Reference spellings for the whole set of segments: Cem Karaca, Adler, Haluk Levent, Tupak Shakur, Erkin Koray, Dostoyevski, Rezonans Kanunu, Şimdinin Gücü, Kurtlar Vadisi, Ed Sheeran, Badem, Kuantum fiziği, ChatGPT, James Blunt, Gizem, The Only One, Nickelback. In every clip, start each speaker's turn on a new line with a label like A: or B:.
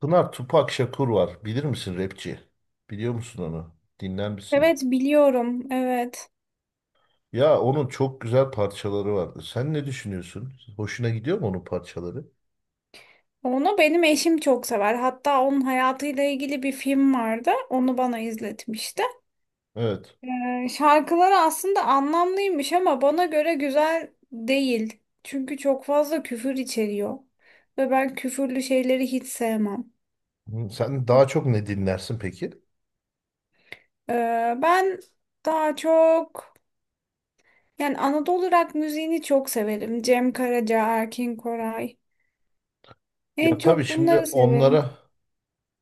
A: Pınar Tupak Shakur var. Bilir misin rapçi? Biliyor musun onu? Dinler misin?
B: Evet, biliyorum. Evet.
A: Ya onun çok güzel parçaları vardı. Sen ne düşünüyorsun? Hoşuna gidiyor mu onun parçaları?
B: Onu benim eşim çok sever. Hatta onun hayatıyla ilgili bir film vardı. Onu bana izletmişti.
A: Evet.
B: Şarkıları aslında anlamlıymış ama bana göre güzel değil. Çünkü çok fazla küfür içeriyor. Ve ben küfürlü şeyleri hiç sevmem.
A: Hı. Sen daha çok ne dinlersin peki?
B: Ee, ben daha çok yani Anadolu rock müziğini çok severim. Cem Karaca, Erkin Koray. En
A: Ya tabii
B: çok
A: şimdi
B: bunları severim.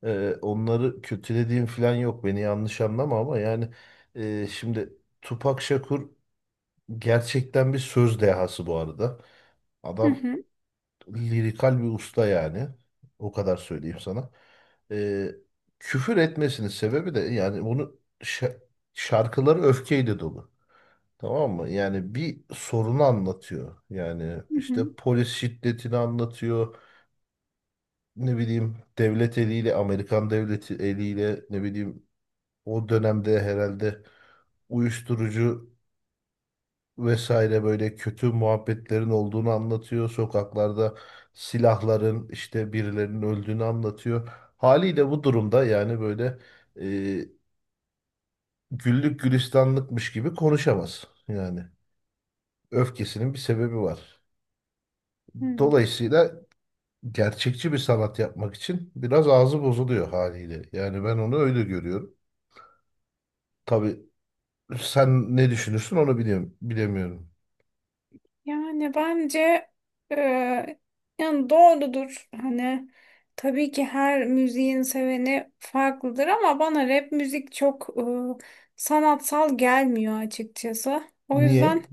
A: onları kötülediğim falan yok. Beni yanlış anlama ama yani şimdi Tupak Shakur gerçekten bir söz dehası bu arada.
B: Hı
A: Adam
B: hı.
A: lirikal bir usta yani. O kadar söyleyeyim sana. Ee, küfür etmesinin sebebi de yani şarkıları öfkeyle dolu. Tamam mı? Yani bir sorunu anlatıyor. Yani
B: Hı hı.
A: işte polis şiddetini anlatıyor. Ne bileyim devlet eliyle, Amerikan devleti eliyle ne bileyim o dönemde herhalde uyuşturucu vesaire böyle kötü muhabbetlerin olduğunu anlatıyor. Sokaklarda silahların işte birilerinin öldüğünü anlatıyor. Haliyle bu durumda yani böyle e, güllük gülistanlıkmış gibi konuşamaz. Yani öfkesinin bir sebebi var.
B: Hmm.
A: Dolayısıyla gerçekçi bir sanat yapmak için biraz ağzı bozuluyor haliyle. Yani ben onu öyle görüyorum. Tabii sen ne düşünürsün onu bilemiyorum.
B: Yani bence e, yani doğrudur. Hani tabii ki her müziğin seveni farklıdır ama bana rap müzik çok sanatsal gelmiyor açıkçası. O
A: Niye?
B: yüzden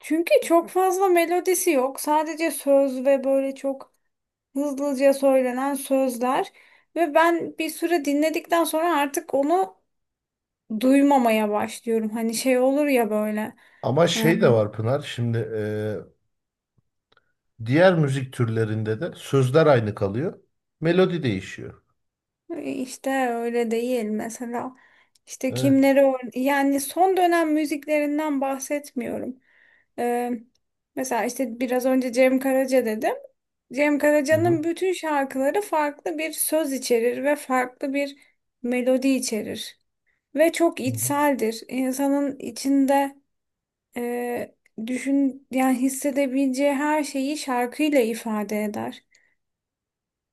B: çünkü çok fazla melodisi yok. Sadece söz ve böyle çok hızlıca söylenen sözler ve ben bir süre dinledikten sonra artık onu duymamaya başlıyorum. Hani şey olur ya böyle.
A: Ama
B: e,
A: şey de var Pınar. Şimdi diğer müzik türlerinde de sözler aynı kalıyor. Melodi değişiyor.
B: İşte öyle değil mesela. İşte
A: Evet.
B: yani son dönem müziklerinden bahsetmiyorum. Ee, mesela işte biraz önce Cem Karaca dedim. Cem
A: Hı hı.
B: Karaca'nın bütün şarkıları farklı bir söz içerir ve farklı bir melodi içerir. Ve çok
A: Hı hı.
B: içseldir. İnsanın içinde e, düşün yani hissedebileceği her şeyi şarkıyla ifade eder.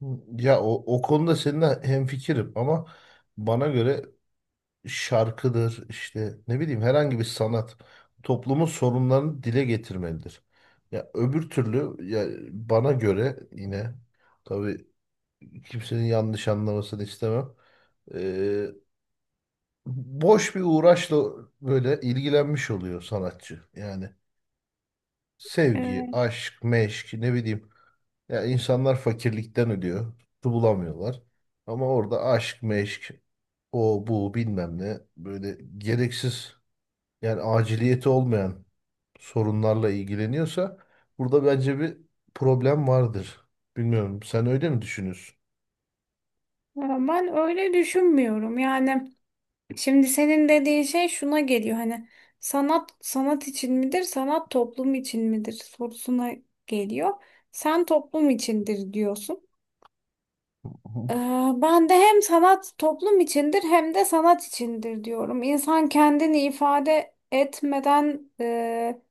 A: Hı. Ya o konuda seninle hemfikirim ama bana göre şarkıdır işte ne bileyim herhangi bir sanat toplumun sorunlarını dile getirmelidir. Ya öbür türlü ya bana göre yine tabii kimsenin yanlış anlamasını istemem. Ee, boş bir uğraşla böyle ilgilenmiş oluyor sanatçı. Yani sevgi,
B: E,
A: aşk, meşk ne bileyim. Ya insanlar fakirlikten ölüyor. Su bulamıyorlar. Ama orada aşk, meşk, o bu bilmem ne böyle gereksiz yani aciliyeti olmayan sorunlarla ilgileniyorsa burada bence bir problem vardır. Bilmiyorum sen öyle mi düşünüyorsun?
B: ama ben öyle düşünmüyorum. Yani şimdi senin dediğin şey şuna geliyor, hani sanat sanat için midir, sanat toplum için midir sorusuna geliyor. Sen toplum içindir diyorsun. Ee,
A: Hı.
B: Ben de hem sanat toplum içindir hem de sanat içindir diyorum. İnsan kendini ifade etmeden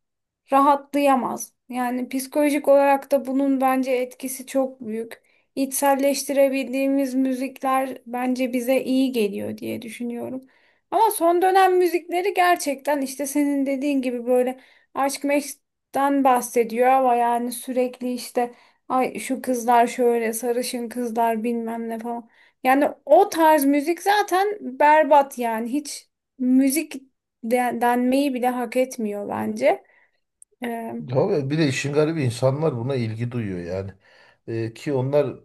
B: rahatlayamaz. Yani psikolojik olarak da bunun bence etkisi çok büyük. İçselleştirebildiğimiz müzikler bence bize iyi geliyor diye düşünüyorum. Ama son dönem müzikleri gerçekten işte senin dediğin gibi böyle aşk meşkten bahsediyor ama yani sürekli işte ay şu kızlar şöyle sarışın kızlar bilmem ne falan. Yani o tarz müzik zaten berbat, yani hiç müzik denmeyi bile hak etmiyor bence. Ee,
A: Ya ve bir de işin garibi insanlar buna ilgi duyuyor yani. Ki onlar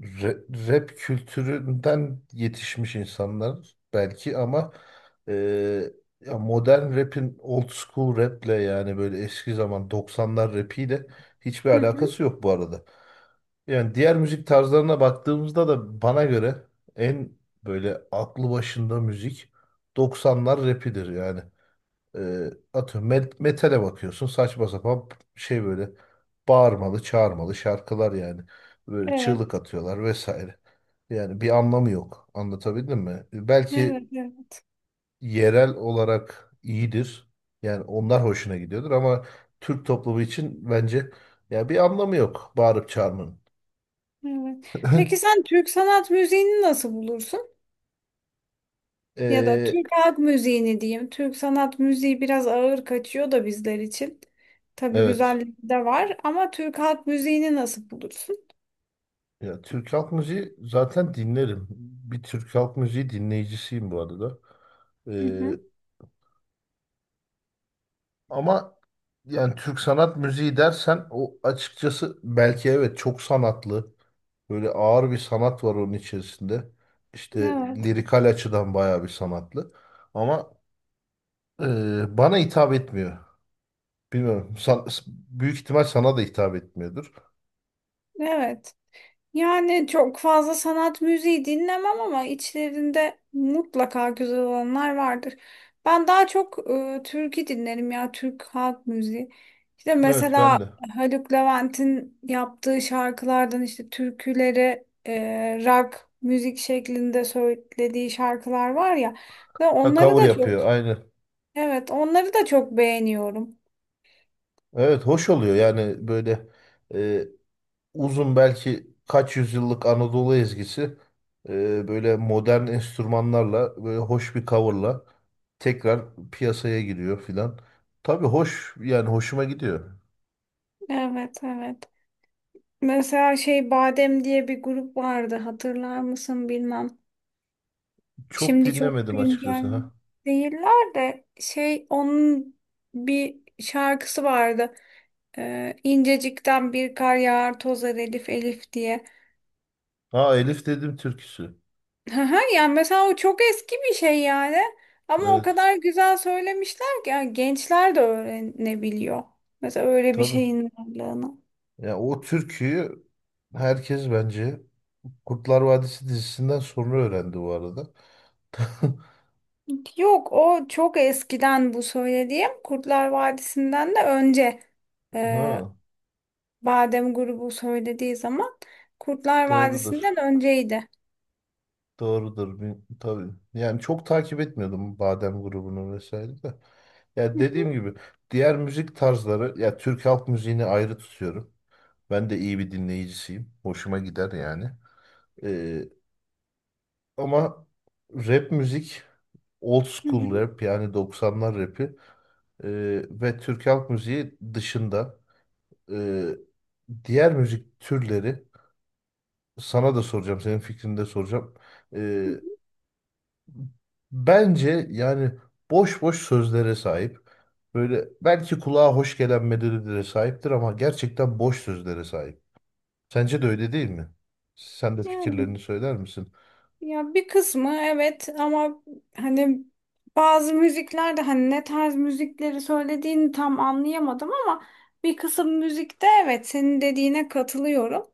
A: Ra- Rap kültüründen yetişmiş insanlar belki ama e, ya modern rap'in old school rap'le yani böyle eski zaman doksanlar rap'iyle hiçbir
B: hı hı.
A: alakası yok bu arada. Yani diğer müzik tarzlarına baktığımızda da bana göre en böyle aklı başında müzik doksanlar rap'idir yani. Atıyorum metale bakıyorsun saçma sapan şey böyle bağırmalı çağırmalı şarkılar yani. Böyle çığlık
B: Evet,
A: atıyorlar vesaire. Yani bir anlamı yok. Anlatabildim mi? Belki
B: evet, evet,
A: yerel olarak iyidir. Yani onlar hoşuna gidiyordur ama Türk toplumu için bence ya bir anlamı yok bağırıp çağırmanın.
B: evet. Peki sen Türk sanat müziğini nasıl bulursun? Ya da
A: Ee,
B: Türk halk müziğini diyeyim. Türk sanat müziği biraz ağır kaçıyor da bizler için. Tabii
A: evet.
B: güzelliği de var ama Türk halk müziğini nasıl bulursun?
A: Ya Türk halk müziği zaten dinlerim. Bir Türk halk müziği dinleyicisiyim bu arada. E,
B: Hı hı.
A: Ama yani Türk sanat müziği dersen o açıkçası belki evet çok sanatlı. Böyle ağır bir sanat var onun içerisinde. İşte
B: Evet,
A: lirikal açıdan bayağı bir sanatlı. Ama bana hitap etmiyor. Bilmiyorum. Büyük ihtimal sana da hitap etmiyordur.
B: evet. Yani çok fazla sanat müziği dinlemem ama içlerinde mutlaka güzel olanlar vardır. Ben daha çok türkü dinlerim, ya Türk halk müziği. İşte
A: Evet
B: mesela
A: ben de.
B: Haluk Levent'in yaptığı şarkılardan, işte türküleri rock müzik şeklinde söylediği şarkılar var ya, ve
A: Ha,
B: onları
A: cover
B: da çok,
A: yapıyor aynı.
B: evet, onları da çok beğeniyorum.
A: Evet hoş oluyor yani böyle uzun belki kaç yüzyıllık Anadolu ezgisi böyle modern enstrümanlarla böyle hoş bir coverla tekrar piyasaya giriyor filan. Tabii hoş yani hoşuma gidiyor.
B: Evet, evet. Mesela şey, Badem diye bir grup vardı, hatırlar mısın bilmem.
A: Çok
B: Şimdi çok
A: dinlemedim
B: güncel
A: açıkçası ha.
B: değiller de şey, onun bir şarkısı vardı. İncecikten bir kar yağar tozar, Elif Elif diye.
A: Ha, Elif dedim türküsü.
B: Haha, yani mesela o çok eski bir şey yani. Ama o
A: Evet,
B: kadar güzel söylemişler ki yani gençler de öğrenebiliyor. Mesela öyle bir
A: tabii.
B: şeyin varlığını.
A: Ya o türküyü herkes bence Kurtlar Vadisi dizisinden sonra öğrendi bu arada.
B: Yok o çok eskiden, bu söylediğim Kurtlar Vadisi'nden de önce, ee,
A: Ha,
B: Badem grubu söylediği zaman Kurtlar
A: doğrudur.
B: Vadisi'nden önceydi.
A: Doğrudur. Tabii. Yani çok takip etmiyordum Badem grubunu vesaire de. Ya
B: Hı hı,
A: dediğim gibi diğer müzik tarzları ya Türk halk müziğini ayrı tutuyorum. Ben de iyi bir dinleyicisiyim. Hoşuma gider yani. Ee, ama rap müzik old
B: hı
A: school
B: hı,
A: rap yani doksanlar rapi ve Türk halk müziği dışında ee, diğer müzik türleri sana da soracağım senin fikrini de soracağım. E,
B: hı hı.
A: Bence yani boş boş sözlere sahip. Böyle belki kulağa hoş gelen medelilere sahiptir ama gerçekten boş sözlere sahip. Sence de öyle değil mi? Sen de
B: Yani
A: fikirlerini söyler misin?
B: ya bir kısmı evet ama hani bazı müziklerde hani ne tarz müzikleri söylediğini tam anlayamadım ama bir kısım müzikte evet senin dediğine katılıyorum.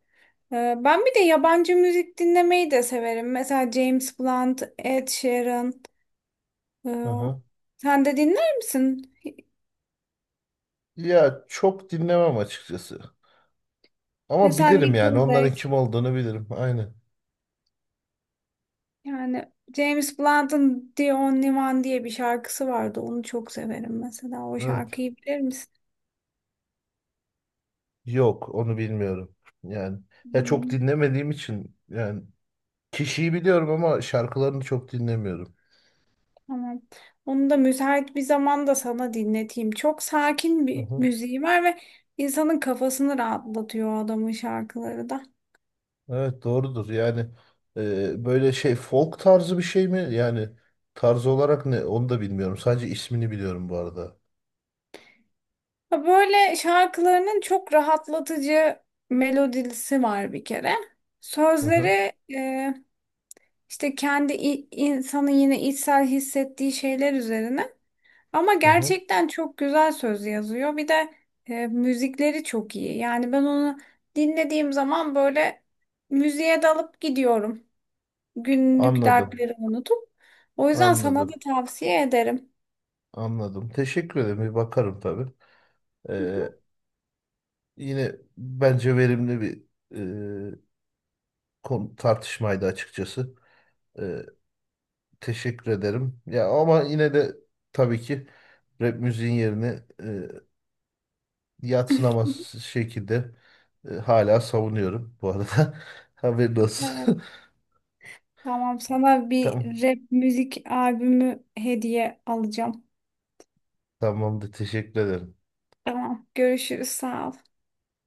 B: Ben bir de yabancı müzik dinlemeyi de severim. Mesela James Blunt, Ed Sheeran. ee,
A: Aha.
B: Sen de dinler misin?
A: Ya çok dinlemem açıkçası. Ama
B: Mesela
A: bilirim yani onların
B: Nickelback.
A: kim olduğunu bilirim. Aynen.
B: Yani James Blunt'ın The Only One diye bir şarkısı vardı. Onu çok severim mesela. O
A: Evet.
B: şarkıyı bilir misin?
A: Yok onu bilmiyorum. Yani ya çok
B: Hmm,
A: dinlemediğim için yani kişiyi biliyorum ama şarkılarını çok dinlemiyorum.
B: tamam. Onu da müsait bir zamanda sana dinleteyim. Çok sakin
A: Hı
B: bir
A: hı.
B: müziği var ve insanın kafasını rahatlatıyor o adamın şarkıları da.
A: Evet, doğrudur. Yani böyle şey folk tarzı bir şey mi? Yani tarz olarak ne? Onu da bilmiyorum. Sadece ismini biliyorum bu arada.
B: Ha, böyle şarkılarının çok rahatlatıcı melodisi var bir kere.
A: Hı hı.
B: Sözleri işte kendi insanın yine içsel hissettiği şeyler üzerine. Ama
A: Hı hı.
B: gerçekten çok güzel söz yazıyor. Bir de müzikleri çok iyi. Yani ben onu dinlediğim zaman böyle müziğe dalıp gidiyorum. Günlük
A: Anladım.
B: dertlerimi unutup. O yüzden sana da
A: Anladım.
B: tavsiye ederim.
A: Anladım. Teşekkür ederim. Bir bakarım tabii. E, yine bence verimli bir e, konu, tartışmaydı açıkçası. E, teşekkür ederim. Ya ama yine de tabii ki rap müziğin yerini yadsınamaz şekilde hala savunuyorum bu arada. Haberin
B: Evet,
A: olsun.
B: tamam. Sana bir
A: Tamam.
B: rap müzik albümü hediye alacağım.
A: Tamamdır. Teşekkür ederim.
B: Tamam, görüşürüz. Sağ ol.